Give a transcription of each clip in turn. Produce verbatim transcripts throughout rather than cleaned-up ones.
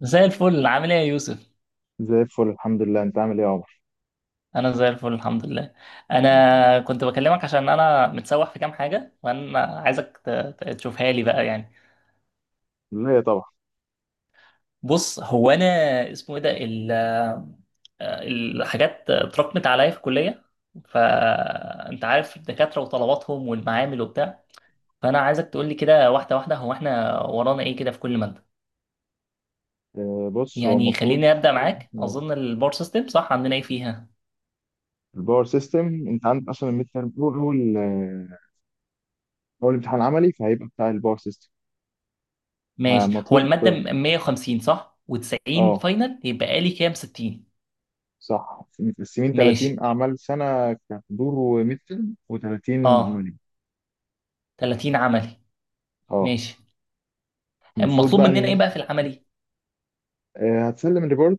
زي الفل، عامل ايه يا يوسف؟ زي الفل، الحمد لله. انت عامل ايه يا عمر؟ انا زي الفل، الحمد لله. انا كنت بكلمك عشان انا متسوح في كام حاجه، وانا عايزك ت- ت- تشوفها لي بقى يعني. لا، طبعا. بص هو انا، اسمه ايه ده، ال- آه، الحاجات اتراكمت عليا في الكليه. فانت عارف الدكاتره وطلباتهم والمعامل وبتاع. فانا عايزك تقول لي كده واحده واحده، هو احنا ورانا ايه كده في كل ماده؟ آه، بص، هو يعني المفروض. خليني ابدا معاك. اظن الباور سيستم صح، عندنا ايه فيها؟ الباور سيستم انت عندك اصلا، الميد تيرم هو اول آه، اول امتحان عملي، فهيبقى بتاع الباور سيستم. آه، ماشي. هو مطلوب. المادة م- مية وخمسين، صح؟ و90 اه. فاينل، يبقى لي كام؟ ستين. صح، متقسمين ماشي. ثلاثين اعمال سنه كحضور وميد تيرم، و30 اه. عملي. تلاتين عملي. اه. ماشي. المفروض المطلوب بقى مننا ان ايه انت بقى في العملي؟ آه، هتسلم ريبورت،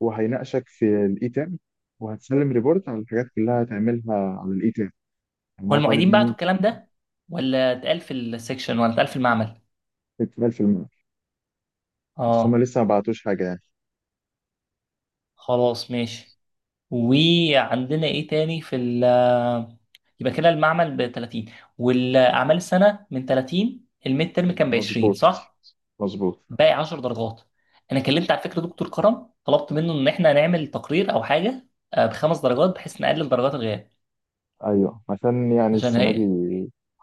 وهيناقشك في الاي تيرم، وهتسلم ريبورت على الحاجات كلها هتعملها على الاي تيرم. يعني هو هو طالب المعيدين بعتوا منك الكلام ده، ولا اتقال في السكشن، ولا اتقال في المعمل؟ ستين في المية. بس هما اه. لسه ما بعتوش حاجة يعني. خلاص ماشي. وعندنا ايه تاني في ال، آه، يبقى كده المعمل ب تلاتين. والاعمال السنة من تلاتين، الميد ترم كان ب عشرين، مظبوط، صح؟ مظبوط. باقي 10 درجات. انا كلمت على فكره دكتور كرم، طلبت منه ان احنا نعمل تقرير او حاجه، آه، بخمس درجات بحيث نقلل درجات الغياب. أيوه، عشان يعني عشان السنة دي هي.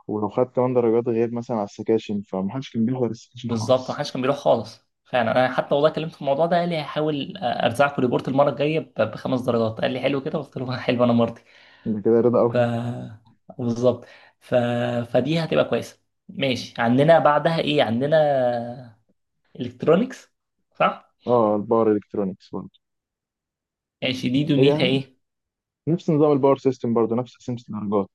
ولو خدت كمان درجات غير مثلا على السكاشن، فمحدش كان بيحضر السكاشن بالظبط، ما خالص. حدش كان بيروح خالص فعلا. انا حتى والله كلمت في الموضوع ده، قال لي هحاول آه، ارزعكم ريبورت المره الجايه ب- بخمس درجات. قال لي حلو كده، قلت له حلو انا مرضي. ده كده رضا ف قوي. بالظبط. ف... فدي هتبقى كويسه. ماشي، عندنا بعدها ايه؟ عندنا الكترونكس، صح؟ اه، الباور الكترونكس برضه، ماشي. دي دنيتها هي ايه؟ نفس نظام الباور سيستم، برضه نفس قسمة الدرجات.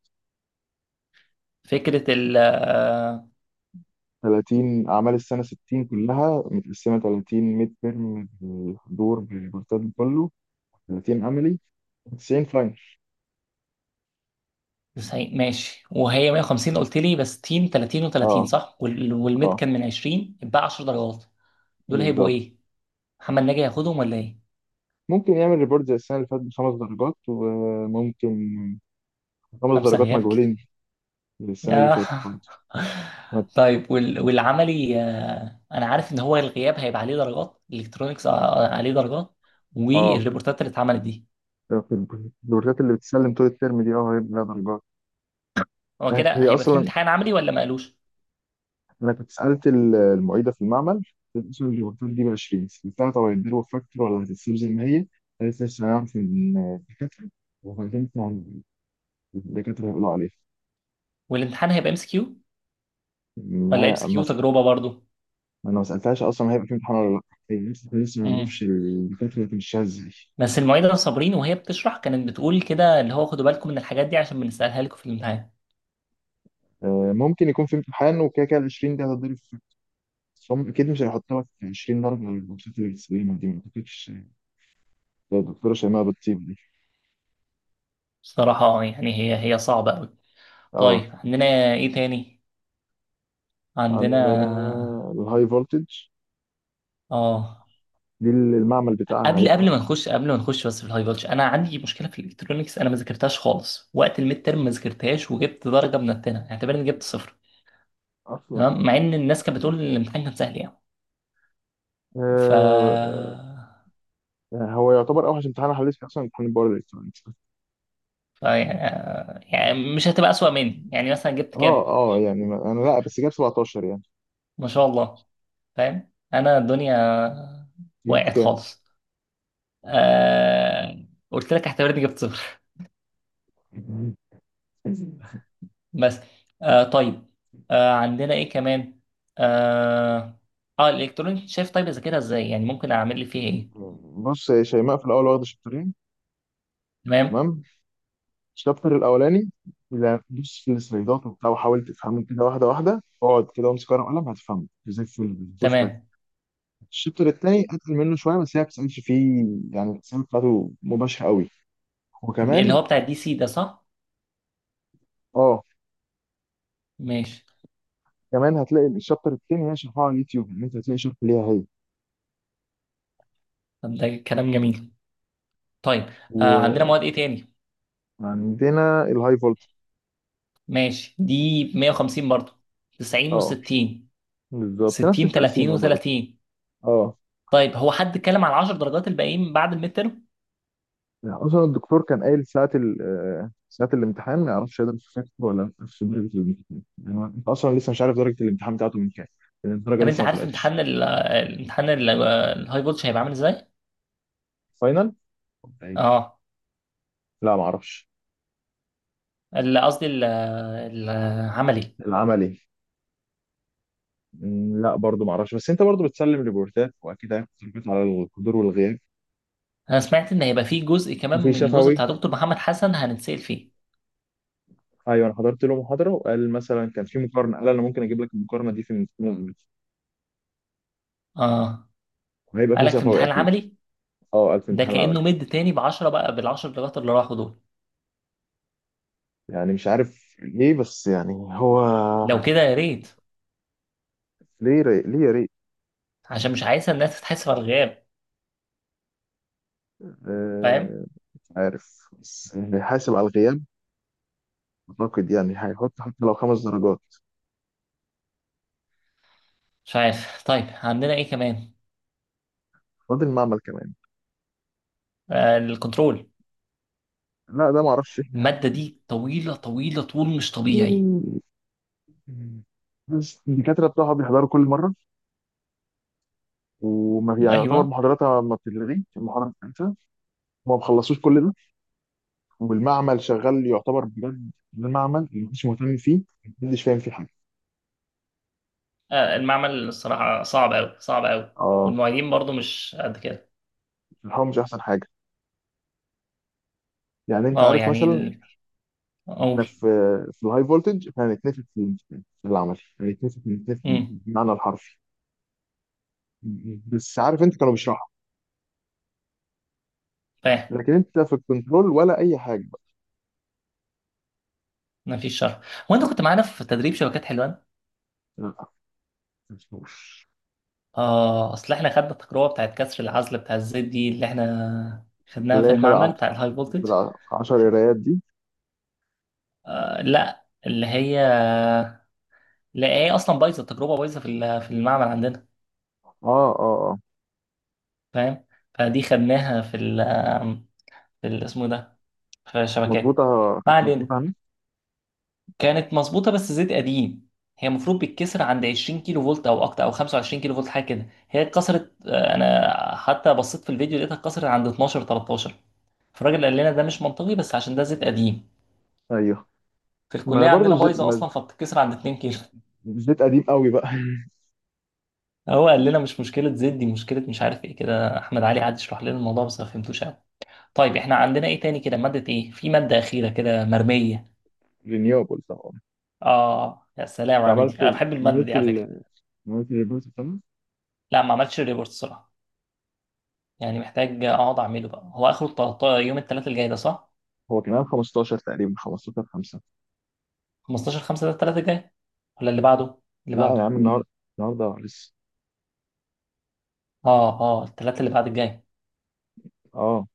فكره ال آه، ثلاثين أعمال السنة، ستين كلها متقسمة ثلاثون ميد ترم بالحضور بالبورتال كله، ثلاثين عملي، تسعين فاينل. تسعين. ماشي، وهي مية وخمسين قلت لي بس تيم، تلاتين اه، و30، صح؟ وال- والميد اه، كان من عشرين، يبقى 10 درجات. دول هيبقوا بالظبط. ايه؟ محمد ناجي هياخدهم ولا ايه؟ ممكن يعمل ريبورت زي السنة اللي فاتت بخمس درجات، وممكن خمس خمسة درجات غياب كده. مجهولين السنة اللي يا فاتت برضه. ما- طيب، وال... والعملي، آه، انا عارف ان هو الغياب هيبقى عليه درجات. الالكترونيكس آه، آه، عليه درجات اه. والريبورتات اللي اتعملت دي. في الدورات اللي بتسلم طول الترم دي اه هي بلا درجات. هو كده هي هيبقى فيه اصلا امتحان عملي ولا ما قالوش؟ انا كنت سالت ال- المعيده في المعمل، قلت لها اصلا الدورات دي ب عشرين. سالتها طب هيديروا فاكتور ولا هتتسيب زي ما هي؟ قالت لي لسه هنعرف من الدكاتره، وبعدين طبعاً الدكاتره هيقولوا عليها والامتحان هيبقى ام اس كيو إن ولا ام هي اس كيو مسح. تجربة برضو؟ انا ما سالتهاش اصلا هيبقى في امتحان ولا لا. هي لسه لسه ما امم نعرفش الدكاتره هتمشيها ازاي. بس المعيدة صابرين، وهي بتشرح كانت بتقول كده، اللي هو خدوا بالكم من الحاجات دي عشان بنسألها لكم في الامتحان. آه، ممكن يكون في امتحان، وكده كده ال عشرين دي هتضرب. بس هم اكيد مش هيحطوها في عشرين درجه من الماتشات اللي بتسلمها دي، ما اعتقدش. ده الدكتوره شيماء بتطيب دي. الصراحة اه يعني، هي هي صعبة أوي. اه، طيب، عندنا إيه تاني؟ عندنا عندنا. الهاي فولتج، آه دي اللي المعمل بتاعها قبل قبل ما هيبقى نخش قبل ما نخش بس. في الهاي فولج أنا عندي مشكلة في الإلكترونيكس، أنا ما ذاكرتهاش خالص، وقت الميد تيرم ما ذاكرتهاش، وجبت درجة منتنة، اعتبر إني جبت صفر. اصلا. تمام. مع إن الناس كانت بتقول إن الامتحان كان سهل يعني. ف آه هو يعتبر اوحش امتحان حليت فيه اصلا، امتحان الباور الكترونكس. ف يعني يعني مش هتبقى أسوأ مني، يعني مثلا جبت اه، كام؟ اه، يعني ما- انا، لا، بس جاب سبعتاشر يعني. ما شاء الله. فاهم انا الدنيا جبت وقعت كام؟ خالص. آه... قلت لك اعتبرني جبت صفر بس. آه طيب. آه عندنا ايه كمان؟ اه, آه الالكترونيك، شايف؟ طيب اذاكرها ازاي يعني، ممكن اعمل لي فيه ايه؟ بص يا شيماء، في الاول واخده شابترين. تمام. تمام. الشابتر الاولاني، لا، دوس في السلايدات وبتاع، وحاول تفهمه كده واحده واحده، اقعد كده وامسك ورقه وقلم هتفهمه زي الفل. بص بقى، تمام. الشابتر الثاني اتقل منه شويه، بس هي ما بتسالش فيه. يعني الاسئله بتاعته مباشره قوي. اللي هو وكمان بتاع الدي سي ده، صح؟ اه ماشي. كمان هتلاقي الشابتر التاني هي شرحها على اليوتيوب، ان انت هتلاقي شرح ليها هي. طب ده كلام جميل. طيب، آه عندنا مواد ايه تاني؟ وعندنا الهاي فولت. ماشي، دي مية وخمسين برضه. تسعين اه، و60. بالظبط نفس ستين، تلاتين التقسيمه برضه. و30. اه، طيب، هو حد اتكلم على 10 درجات الباقيين بعد الميد ترم؟ يعني اصلا الدكتور كان قايل ساعه ال- آه، ساعه الامتحان. ما يعرفش هيقدر يشوف فاكر ولا لا في درجه الامتحان. يعني انت اصلا لسه مش عارف درجه الامتحان بتاعته من كام، لأن الدرجه طب انت لسه ما عارف طلعتش. امتحان ال- الامتحان ال- الهاي فولتج هيبقى عامل ازاي؟ فاينل. طيب. اه. لا، ما اعرفش. ال- قصدي ال- العملي. العملي؟ مم، لا، برضه ما اعرفش. بس انت برضه بتسلم ريبورتات، واكيد هياخد تربيت على الحضور والغياب. انا سمعت ان هيبقى فيه جزء كمان وفي من الجزء شفوي. بتاع دكتور محمد حسن هنتسال فيه. ايوه، انا حضرت له محاضره وقال مثلا كان في مقارنه، قال انا ممكن اجيب لك المقارنه دي في الامتحان العملي. اه، وهيبقى في قالك في شفوي امتحان اكيد. العملي؟ اه، قال في ده الامتحان العملي. كانه مد تاني ب عشرة بقى، بال 10 درجات اللي راحوا دول. يعني مش عارف ليه، بس يعني هو. لو كده يا ريت، ليه ري... ليه يا ريت. عشان مش عايزه الناس تتحسب على الغياب. فاهم. آه... مش عارف، بس هيحاسب على الغياب. اعتقد يعني هيحط حتى لو خمس درجات. مش عارف. طيب، عندنا ايه كمان؟ فاضل المعمل كمان. آه الكنترول. لا، ده ما اعرفش احنا، الماده دي طويله طويله طول مش طبيعي. بس الدكاترة بتوعها بيحضروا كل مرة. وما يعني يعتبر ايوه. محاضراتها ما بتتلغي المحاضرة بتاعتها، وما بخلصوش كل ده. والمعمل شغال يعتبر بجد، ده معمل اللي محدش مهتم فيه، محدش فاهم فيه حاجة. آه، المعمل الصراحة صعب أوي صعب أوي. اه، والمعيدين برضو مش قد كده. الحوار مش أحسن حاجة. يعني أنت اه عارف يعني مثلا ال- احنا أقول. في في الهاي فولتج، فهنتنفخ في في العمل، هنتنفخ هنتنفخ امم بالمعنى الحرفي. بس عارف انت كانوا بيشرحوا، فاهم. لكن انت في الكنترول ولا اي حاجه بقى. مفيش شر. هو أنت كنت معانا في تدريب شبكات حلوان؟ لا، مفهوش. اه، أصل إحنا خدنا التجربة بتاعت كسر العزل بتاع الزيت دي اللي إحنا خدناها اللي في هي المعمل خدع، بتاع الهاي فولتج. العشر قرايات دي. آه لا، اللي هي. لا، هي أصلا بايظة. التجربة بايظة في ال- في المعمل عندنا. اه، اه، اه، فاهم؟ فدي خدناها في ال في ال- اسمه إيه ده، في الشبكات. مظبوطه. ما كانت مظبوطه علينا. عندي. كانت مظبوطة بس زيت قديم. هي المفروض بتتكسر عند عشرين كيلو فولت او اكتر، او خمسة وعشرين كيلو فولت حاجة كده. هي اتكسرت، آه، انا حتى بصيت في الفيديو لقيتها اتكسرت عند اتناشر، تلتاشر. فالراجل قال لنا ده مش منطقي، بس عشان ده زيت قديم. ايوه، في ما الكلية برضه عندنا الزيت بايظة ما اصلا، فبتتكسر عند اتنين كيلو الزيت قديم قوي بقى. هو قال لنا مش مشكلة زيت، دي مشكلة مش عارف ايه كده. احمد علي قعد يشرح لنا الموضوع بس ما فهمتوش قوي. طيب احنا عندنا ايه تاني كده؟ مادة ايه في مادة أخيرة كده مرمية؟ رينيوبل طبعا. اه يا سلام انت عليك، عملت انا ال- بحب المادة دي عملت على فكرة. ال- عملت الريبورت بتاعنا؟ لا، ما عملتش ريبورت الصراحة. يعني محتاج اقعد اعمله بقى. هو اخره التلت- يوم الثلاث الجاي ده، صح؟ هو كان عام خمستاشر تقريبا، خمستاشر خمسة. خمستاشر خمسة ده الثلاث الجاي، ولا اللي بعده؟ اللي لا يا بعده. عم، النهارده النهارده لسه. اه اه، الثلاث اللي بعد الجاي. اه،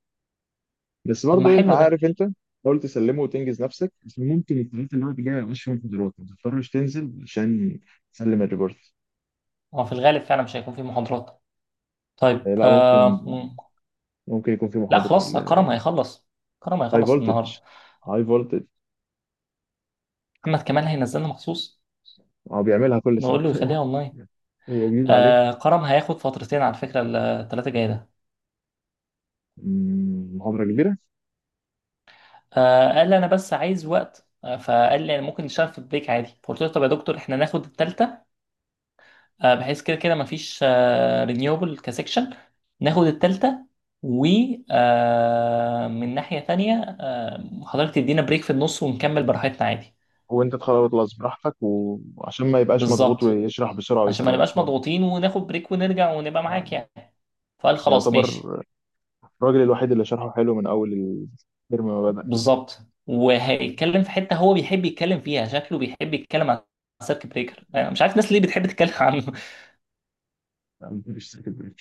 بس طب ما برضه انت حلو ده. عارف انت، حاول تسلمه وتنجز نفسك، بس ممكن التلاتة اللي هو جاي مش فيهم محاضرات ما تضطرش تنزل عشان تسلم الريبورت. هو في الغالب فعلا مش هيكون في محاضرات. آه، طيب. لا، ممكن، آه مم. ممكن يكون في لا محاضرة. خلاص، كرم هيخلص. كرم هاي هيخلص النهارده. فولتج هاي فولتج محمد كمال هينزلنا مخصوص. هو بيعملها كل سنة. نقول له يخليها اونلاين. هي جديدة عليك. آه كرم هياخد فترتين على فكره. الثلاثه الجاي ده. مم، محاضرة كبيرة. آه قال لي انا بس عايز وقت، آه، فقال لي ممكن نشتغل في البريك عادي. فقلت له طب يا دكتور احنا ناخد الثالثه، آه، بحيث كده كده مفيش رينيوبل كسكشن، ناخد التالتة. و آه، من ناحية تانية، آه، حضرتك تدينا بريك في النص ونكمل براحتنا عادي. وانت تخلص براحتك، وعشان ما يبقاش مضغوط بالظبط، ويشرح بسرعة عشان ما ويكروت نبقاش الحوار. مضغوطين وناخد بريك ونرجع ونبقى معاك يعني يعني. فقال خلاص يعتبر ماشي. الراجل الوحيد اللي شرحه حلو من أول الترم ما بدأ. بالظبط. وهيتكلم في حتة هو بيحب يتكلم فيها، شكله بيحب يتكلم عن السيرك بريكر. أنا مش عارف الناس ليه بتحب تتكلم عنه. مفيش سكت بريك.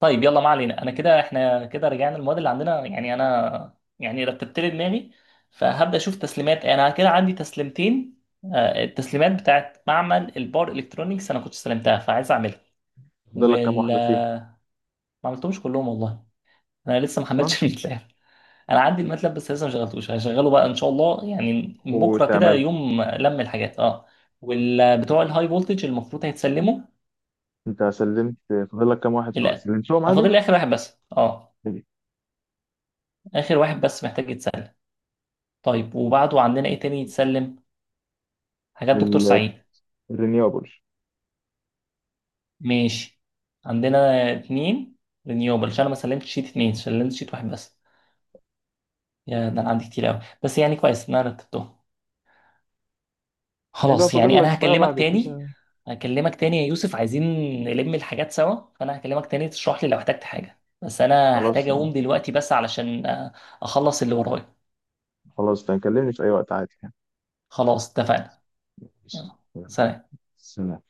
طيب يلا، ما علينا. انا كده احنا كده رجعنا المواد اللي عندنا، يعني انا يعني رتبت لي دماغي. فهبدا اشوف تسليمات، انا كده عندي تسليمتين. آه، التسليمات بتاعت معمل البار الكترونيكس انا كنت استلمتها فعايز اعملها. فاضل لك كام وال واحدة فيهم؟ آه، ما عملتهمش كلهم والله. انا لسه ما اصلا، حملتش الماتلاب. انا عندي الماتلاب بس لسه ما شغلتوش، هشغله بقى ان شاء الله، يعني من بكره كده وتعمل. يوم لم الحاجات، اه. والبتوع الهاي فولتج المفروض هيتسلموا. انت سلمت؟ فاضل لك كام واحد لا، سلمتهم أنا فاضل عادي؟ لي اخر واحد بس، اه. اخر واحد بس محتاج يتسلم. طيب وبعده عندنا ايه تاني يتسلم؟ حاجات دكتور ال- سعيد. الرينيوبل. ماشي. عندنا اتنين رينيوبل، عشان انا ما سلمتش شيت اتنين، سلمت شيت واحد بس. يا ده انا عندي كتير قوي، بس يعني كويس ان انا رتبتهم. ايه بقى خلاص يعني فاضل لك انا بقى هكلمك بعد تاني. كده؟ هكلمك تاني يا يوسف، عايزين نلم الحاجات سوا. فانا هكلمك تاني تشرح لي لو احتجت حاجة، بس انا هحتاج خلاص، اقوم دلوقتي بس علشان آه، اخلص اللي ورايا. خلاص، تكلمني في اي وقت عادي يعني. خلاص اتفقنا. يلا. سلام. سلام.